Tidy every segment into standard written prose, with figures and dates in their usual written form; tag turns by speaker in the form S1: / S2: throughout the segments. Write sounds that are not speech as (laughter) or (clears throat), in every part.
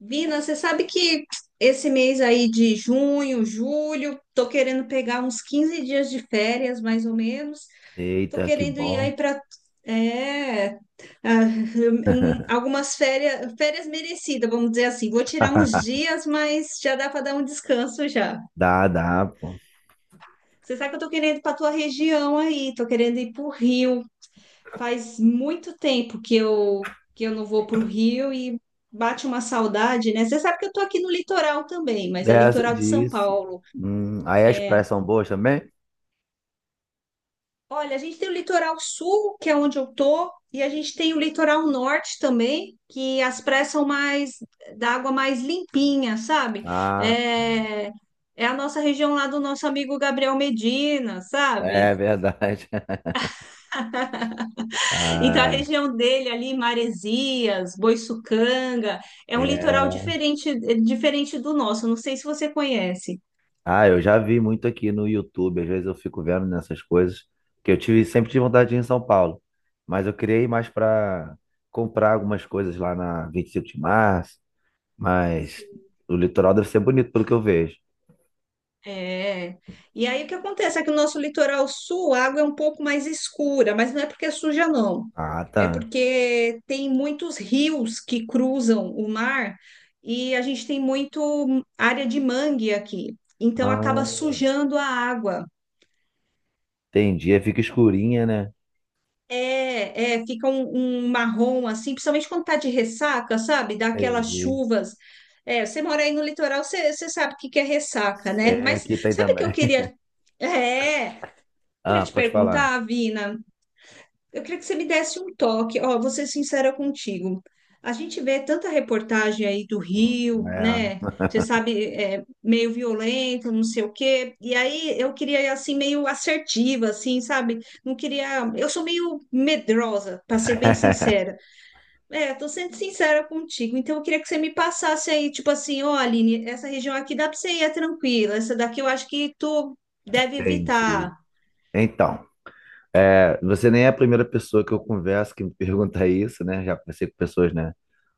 S1: Vina, você sabe que esse mês aí de junho, julho, tô querendo pegar uns 15 dias de férias, mais ou menos. Tô
S2: Eita, que
S1: querendo ir
S2: bom.
S1: aí para é, ah, algumas férias, férias merecidas, vamos dizer assim. Vou tirar uns
S2: (laughs)
S1: dias, mas já dá para dar um descanso já.
S2: Dá, dá, pô.
S1: Você sabe que eu tô querendo ir para tua região aí, tô querendo ir para o Rio. Faz muito tempo que eu não vou para o Rio e bate uma saudade, né? Você sabe que eu tô aqui no litoral também, mas é
S2: Dessa,
S1: litoral de São
S2: disso.
S1: Paulo.
S2: Aí as praias
S1: É,
S2: são boas também?
S1: olha, a gente tem o litoral sul, que é onde eu tô, e a gente tem o litoral norte também, que as praias são mais da água mais limpinha, sabe?
S2: Ah, tá.
S1: É, é a nossa região lá do nosso amigo Gabriel Medina, sabe?
S2: É verdade. (laughs)
S1: Então, a
S2: Ah,
S1: região dele ali, Maresias, Boiçucanga, é um litoral
S2: é.
S1: diferente, diferente do nosso. Não sei se você conhece.
S2: Ah, eu já vi muito aqui no YouTube, às vezes eu fico vendo nessas coisas, sempre tive vontade de ir em São Paulo, mas eu criei mais para comprar algumas coisas lá na 25 de Março, mas
S1: Sim.
S2: o litoral deve ser bonito pelo que eu vejo.
S1: É. E aí o que acontece é que o nosso litoral sul, a água é um pouco mais escura, mas não é porque é suja, não.
S2: Ah,
S1: É
S2: tá.
S1: porque tem muitos rios que cruzam o mar e a gente tem muito área de mangue aqui. Então acaba
S2: Ah,
S1: sujando a água.
S2: entendi, aí fica escurinha, né?
S1: É, é, fica um marrom assim, principalmente quando tá de ressaca, sabe? Dá aquelas
S2: Entendi.
S1: chuvas. É, você mora aí no litoral, você sabe o que que é ressaca, né?
S2: Sei,
S1: Mas
S2: aqui tem
S1: sabe o que eu
S2: também. (laughs)
S1: queria? É, Queria
S2: Ah,
S1: te
S2: pode falar.
S1: perguntar, Vina, eu queria que você me desse um toque, ó, vou ser sincera contigo. A gente vê tanta reportagem aí do Rio, né?
S2: É.
S1: Você sabe, é, meio violento, não sei o quê. E aí eu queria ir assim meio assertiva, assim, sabe? Não queria. Eu sou meio medrosa, para ser bem sincera.
S2: (laughs)
S1: É, tô sendo sincera contigo. Então eu queria que você me passasse aí, tipo assim, ó, Aline, essa região aqui dá para você ir é tranquila. Essa daqui eu acho que tu deve
S2: Entendi.
S1: evitar.
S2: Então, você nem é a primeira pessoa que eu converso que me (laughs) pergunta isso, né? Já conversei com pessoas, né?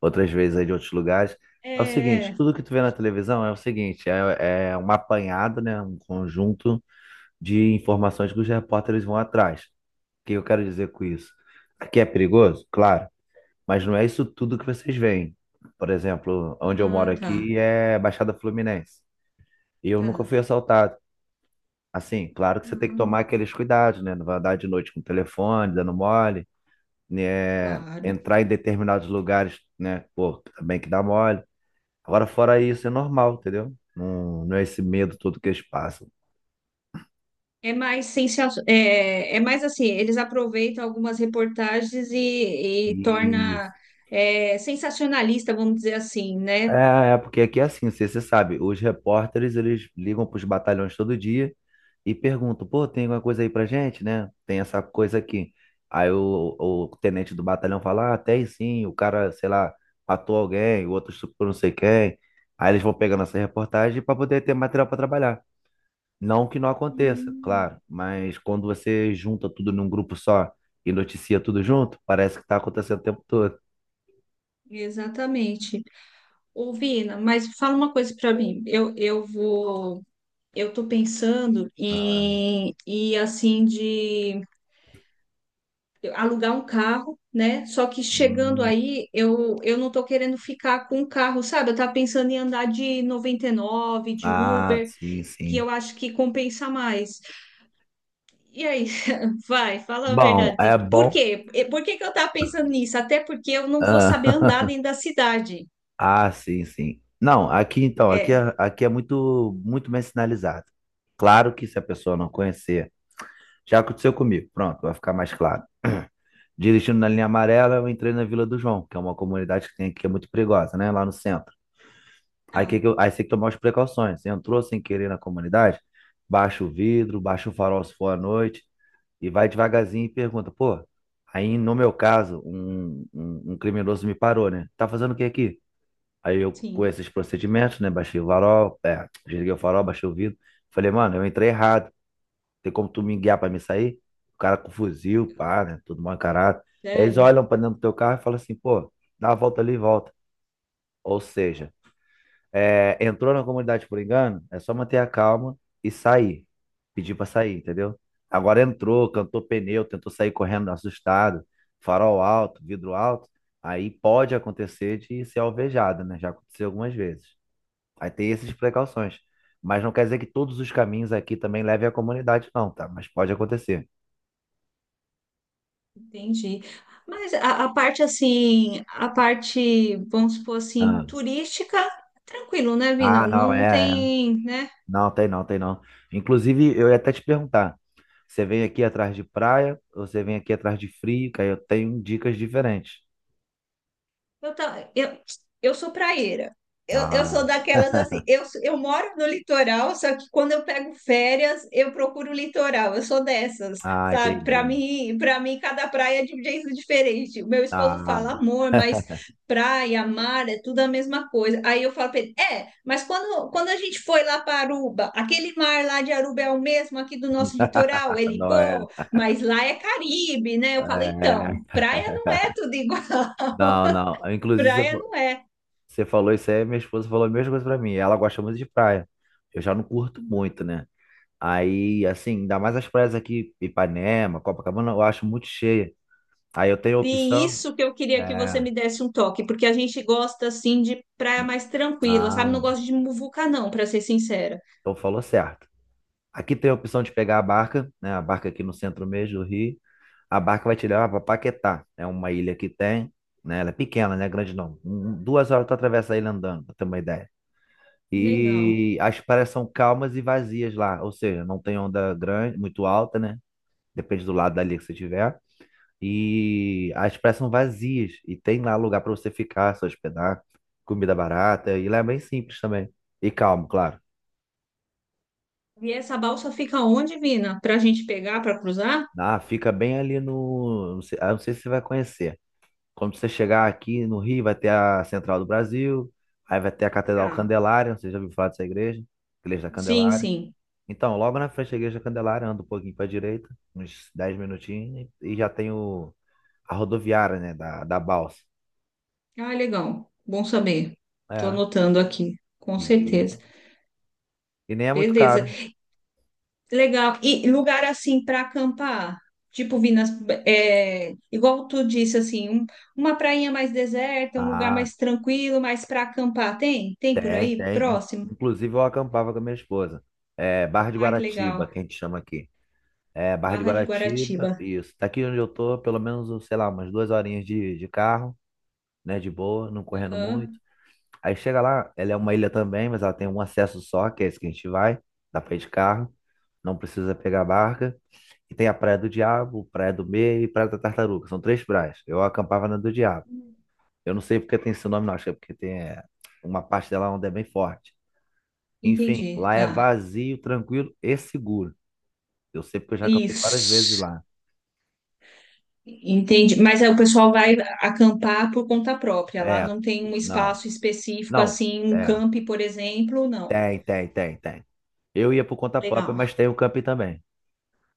S2: Outras vezes aí de outros lugares. É o seguinte,
S1: É.
S2: tudo que tu vê na televisão é o seguinte, é um apanhado, né? Um conjunto de informações que os repórteres vão atrás. O que eu quero dizer com isso? Aqui é perigoso? Claro. Mas não é isso tudo que vocês veem. Por exemplo, onde eu moro
S1: Ah, tá,
S2: aqui é Baixada Fluminense. E eu nunca
S1: tá.
S2: fui assaltado. Assim, claro que você tem que tomar
S1: Ah.
S2: aqueles cuidados, né? Não vai andar de noite com o telefone, dando mole, né?
S1: Claro.
S2: Entrar em determinados lugares, né? Pô, também que dá mole. Agora, fora isso, é normal, entendeu? Não, não é esse medo todo que eles passam.
S1: É mais sensacional é, é mais assim, eles aproveitam algumas reportagens e
S2: E
S1: torna é, sensacionalista, vamos dizer assim, né?
S2: Porque aqui é assim, você sabe, os repórteres, eles ligam para os batalhões todo dia e perguntam, pô, tem alguma coisa aí pra gente, né? Tem essa coisa aqui. Aí o tenente do batalhão fala, ah, tem sim, o cara, sei lá, matou alguém, o outro estuprou não sei quem. Aí eles vão pegando essa reportagem para poder ter material para trabalhar. Não que não aconteça,
S1: Hum.
S2: claro, mas quando você junta tudo num grupo só e noticia tudo junto, parece que tá acontecendo o tempo todo.
S1: Exatamente. Ô, Vina, mas fala uma coisa para mim. Eu vou, eu tô pensando
S2: Ah,
S1: em, em assim de alugar um carro, né? Só que chegando
S2: hum.
S1: aí, eu não tô querendo ficar com o carro, sabe? Eu tava pensando em andar de 99 de
S2: Ah,
S1: Uber.
S2: sim,
S1: Que
S2: sim.
S1: eu acho que compensa mais. E aí, (laughs) vai, fala a
S2: Bom,
S1: verdade.
S2: é
S1: Por
S2: bom.
S1: quê? E por que que eu tava pensando nisso? Até porque eu não vou saber andar
S2: Ah,
S1: dentro
S2: (laughs)
S1: da cidade.
S2: ah, sim, sim. Não, aqui então, aqui
S1: É,
S2: é, aqui é muito, muito bem sinalizado. Claro que se a pessoa não conhecer, já aconteceu comigo. Pronto, vai ficar mais claro. (clears throat) Dirigindo na linha amarela, eu entrei na Vila do João, que é uma comunidade que tem aqui, que é muito perigosa, né? Lá no centro. Aí,
S1: ah,
S2: aí você tem que tomar as precauções. Você entrou sem querer na comunidade, baixa o vidro, baixa o farol se for à noite, e vai devagarzinho e pergunta, pô, aí no meu caso, um criminoso me parou, né? Tá fazendo o que aqui? Aí eu, com
S1: sim,
S2: esses procedimentos, né? Baixei o farol, é, desliguei o farol, baixei o vidro. Falei, mano, eu entrei errado. Tem como tu me guiar pra me sair? O cara com fuzil, pá, né? Tudo mal encarado. Aí eles
S1: sério,
S2: olham pra dentro do teu carro e falam assim, pô, dá uma volta ali e volta. Ou seja, é, entrou na comunidade por engano, é só manter a calma e sair. Pedir pra sair, entendeu? Agora entrou, cantou pneu, tentou sair correndo assustado, farol alto, vidro alto. Aí pode acontecer de ser alvejada, né? Já aconteceu algumas vezes. Aí tem essas precauções. Mas não quer dizer que todos os caminhos aqui também levem à comunidade, não, tá? Mas pode acontecer.
S1: entendi. Mas a parte assim, a parte, vamos supor assim,
S2: Ah,
S1: turística, tranquilo, né, Vina?
S2: ah, não,
S1: Não
S2: é, é.
S1: tem, né?
S2: Não, tem não, tem não. Inclusive, eu ia até te perguntar, você vem aqui atrás de praia ou você vem aqui atrás de frio? Que aí eu tenho dicas diferentes.
S1: Eu, ta- eu, eu sou praieira. Eu
S2: Ah,
S1: sou daquelas assim. Eu, sou- Eu moro no litoral, só que quando eu pego férias, eu procuro o litoral. Eu sou dessas,
S2: ah,
S1: sabe?
S2: entendi.
S1: Para mim, cada praia é de um jeito diferente. O meu esposo
S2: Ah,
S1: fala, amor, mas praia, mar, é tudo a mesma coisa. Aí eu falo para ele, é, mas quando a gente foi lá para Aruba, aquele mar lá de Aruba é o mesmo aqui do nosso litoral?
S2: (laughs)
S1: Ele,
S2: não é,
S1: pô, mas lá é Caribe, né? Eu falo, então,
S2: é.
S1: praia não é tudo igual. (laughs)
S2: Não, não. Inclusive,
S1: Praia não é.
S2: você falou isso aí, minha esposa falou a mesma coisa pra mim. Ela gosta muito de praia. Eu já não curto muito, né? Aí, assim, ainda mais as praias aqui, Ipanema, Copacabana, eu acho muito cheia. Aí eu tenho a
S1: Sim,
S2: opção.
S1: isso que eu queria que você
S2: É.
S1: me desse um toque, porque a gente gosta assim de praia mais tranquila, sabe? Não
S2: Ah,
S1: gosto de muvuca, não, para ser sincera.
S2: então falou certo. Aqui tem a opção de pegar a barca, né? A barca aqui no centro mesmo do Rio. A barca vai te levar para Paquetá. É uma ilha que tem, né? Ela é pequena, né? Grande não. 2 horas tu atravessa a ilha andando, pra ter uma ideia.
S1: Legal.
S2: E as praias são calmas e vazias lá, ou seja, não tem onda grande, muito alta, né? Depende do lado da ilha que você tiver. E as praias são vazias e tem lá lugar para você ficar, se hospedar, comida barata e lá é bem simples também. E calmo, claro.
S1: E essa balsa fica onde, Vina? Para a gente pegar, para cruzar?
S2: Ah, fica bem ali no, não sei, ah, não sei se você vai conhecer. Quando você chegar aqui no Rio, vai ter a Central do Brasil, aí vai ter a Catedral
S1: Tá.
S2: Candelária, você já ouviu falar dessa igreja? Igreja da
S1: Sim,
S2: Candelária.
S1: sim.
S2: Então, logo na frente da Igreja da Candelária, anda um pouquinho para a direita, uns 10 minutinhos, e já tem o, a rodoviária, né, da Balsa.
S1: Ah, legal. Bom saber. Estou
S2: É,
S1: anotando aqui, com
S2: isso.
S1: certeza.
S2: E nem é muito
S1: Beleza.
S2: caro.
S1: Legal. E lugar assim para acampar? Tipo, Vinas, é, igual tu disse, assim, um- uma prainha mais deserta, um lugar
S2: Ah,
S1: mais tranquilo, mais para acampar. Tem? Tem por
S2: tem,
S1: aí?
S2: tem.
S1: Próximo?
S2: Inclusive, eu acampava com a minha esposa. É, Barra de
S1: Ai, que legal.
S2: Guaratiba, que a gente chama aqui. É, Barra de
S1: Barra de
S2: Guaratiba,
S1: Guaratiba.
S2: isso. Daqui onde eu tô, pelo menos, sei lá, umas 2 horinhas de carro. Né? De boa, não correndo muito.
S1: Aham.
S2: Aí chega lá, ela é uma ilha também, mas ela tem um acesso só, que é esse que a gente vai. Dá pra ir de carro, não precisa pegar barca. E tem a Praia do Diabo, Praia do Meio e Praia da Tartaruga. São três praias. Eu acampava na do Diabo. Eu não sei porque tem esse nome, não. Acho que é porque tem é, uma parte dela onde é bem forte. Enfim,
S1: Entendi,
S2: lá é
S1: tá.
S2: vazio, tranquilo e seguro. Eu sei porque eu já acampei várias vezes
S1: Isso.
S2: lá.
S1: Entendi. Mas aí o pessoal vai acampar por conta própria. Lá
S2: É,
S1: não tem um
S2: não,
S1: espaço específico,
S2: não,
S1: assim, um
S2: é,
S1: camp, por exemplo, não.
S2: tem, tem, tem, tem. Eu ia por conta própria,
S1: Legal.
S2: mas tem o camping também.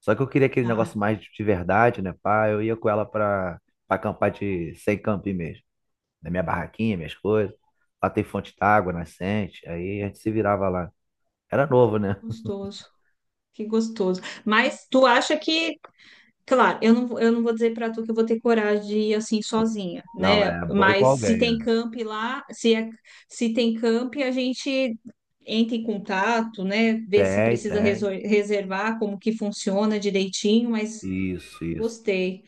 S2: Só que eu queria aquele
S1: Ah,
S2: negócio mais de verdade, né, pá? Eu ia com ela pra, pra acampar de sem camping mesmo. Na minha barraquinha, minhas coisas. Lá tem fonte d'água, nascente. Aí a gente se virava lá. Era novo, né? (laughs)
S1: gostoso. Que gostoso. Mas tu acha que claro, eu não vou dizer para tu que eu vou ter coragem de ir assim sozinha,
S2: Não,
S1: né?
S2: é bom ir com
S1: Mas se tem
S2: alguém.
S1: camp lá, se tem camp, a gente entra em contato, né? Vê se
S2: Tem,
S1: precisa
S2: tem.
S1: resol- reservar, como que funciona direitinho, mas
S2: Isso, isso.
S1: gostei.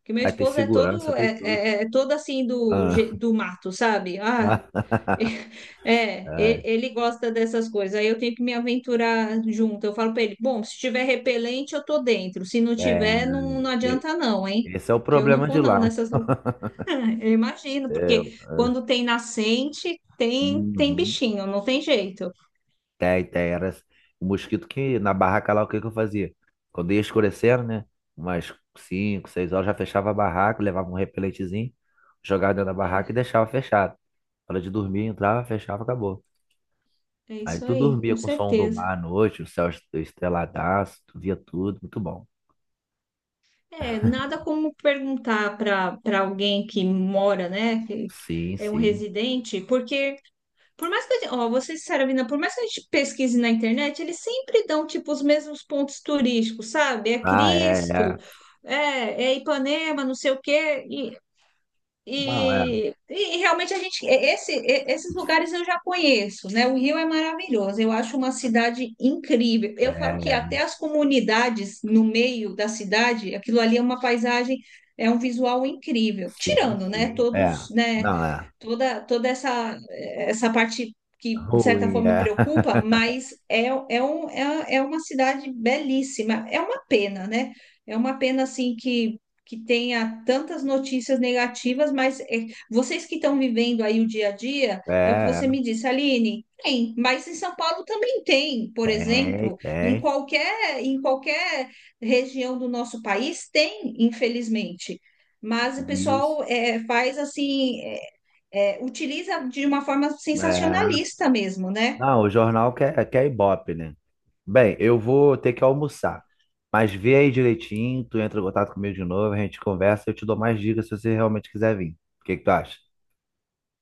S1: Porque meu
S2: Aí tem
S1: esposo é
S2: segurança,
S1: todo,
S2: tem tudo.
S1: é todo assim do,
S2: Ah.
S1: je- do mato, sabe? Ah,
S2: (laughs)
S1: é,
S2: É,
S1: ele gosta dessas coisas. Aí eu tenho que me aventurar junto. Eu falo para ele: bom, se tiver repelente, eu tô dentro. Se não
S2: é,
S1: tiver, não, não
S2: e-
S1: adianta não, hein?
S2: esse é o
S1: Que eu não
S2: problema
S1: vou
S2: de
S1: não
S2: lá.
S1: nessas. Lu-
S2: (laughs)
S1: (laughs) eu imagino,
S2: É,
S1: porque quando tem nascente, tem tem
S2: uhum.
S1: bichinho, não tem jeito.
S2: Tem, tem. Era o mosquito que na barraca lá, o que que eu fazia? Quando ia escurecendo, né? Umas cinco, 6 horas, já fechava a barraca, levava um repelentezinho, jogava dentro da barraca e
S1: É,
S2: deixava fechado. Hora de dormir, entrava, fechava, acabou.
S1: é
S2: Aí
S1: isso
S2: tu
S1: aí,
S2: dormia
S1: com
S2: com o som do
S1: certeza.
S2: mar à noite, o céu estreladaço, tu via tudo, muito bom.
S1: É, nada como perguntar para alguém que mora, né, que
S2: Sim,
S1: é um
S2: sim.
S1: residente, porque por mais que a gente, ó, vou ser sincera, Vina, por mais que a gente pesquise na internet, eles sempre dão, tipo, os mesmos pontos turísticos, sabe? É
S2: Ah, é,
S1: Cristo,
S2: é.
S1: é Ipanema, não sei o quê. E
S2: Não, é.
S1: e realmente a gente, esses lugares eu já conheço, né? O Rio é maravilhoso, eu acho uma cidade incrível.
S2: É,
S1: Eu falo que
S2: é.
S1: até as comunidades no meio da cidade, aquilo ali é uma paisagem, é um visual incrível.
S2: Sim,
S1: Tirando, né?
S2: sim. É.
S1: Todos, né?
S2: Não, é.
S1: Toda, toda essa, essa parte que de certa
S2: Ruim,
S1: forma
S2: é.
S1: preocupa,
S2: (laughs)
S1: mas é uma cidade belíssima. É uma pena, né? É uma pena assim que tenha tantas notícias negativas, mas é, vocês que estão vivendo aí o dia a dia, é o que
S2: É, é.
S1: você me disse, Aline, tem, mas em São Paulo também tem, por
S2: Tem,
S1: exemplo,
S2: tem.
S1: em qualquer região do nosso país tem, infelizmente. Mas o
S2: Isso.
S1: pessoal é, faz assim, utiliza de uma forma
S2: É.
S1: sensacionalista mesmo, né?
S2: Não, o jornal quer, quer Ibope, né? Bem, eu vou ter que almoçar. Mas vê aí direitinho, tu entra em contato comigo de novo, a gente conversa, eu te dou mais dicas se você realmente quiser vir. O que que tu acha?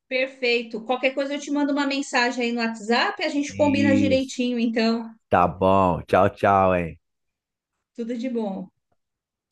S1: Perfeito. Qualquer coisa eu te mando uma mensagem aí no WhatsApp, a gente combina
S2: Isso.
S1: direitinho, então,
S2: Tá bom. Tchau, tchau, hein?
S1: tudo de bom.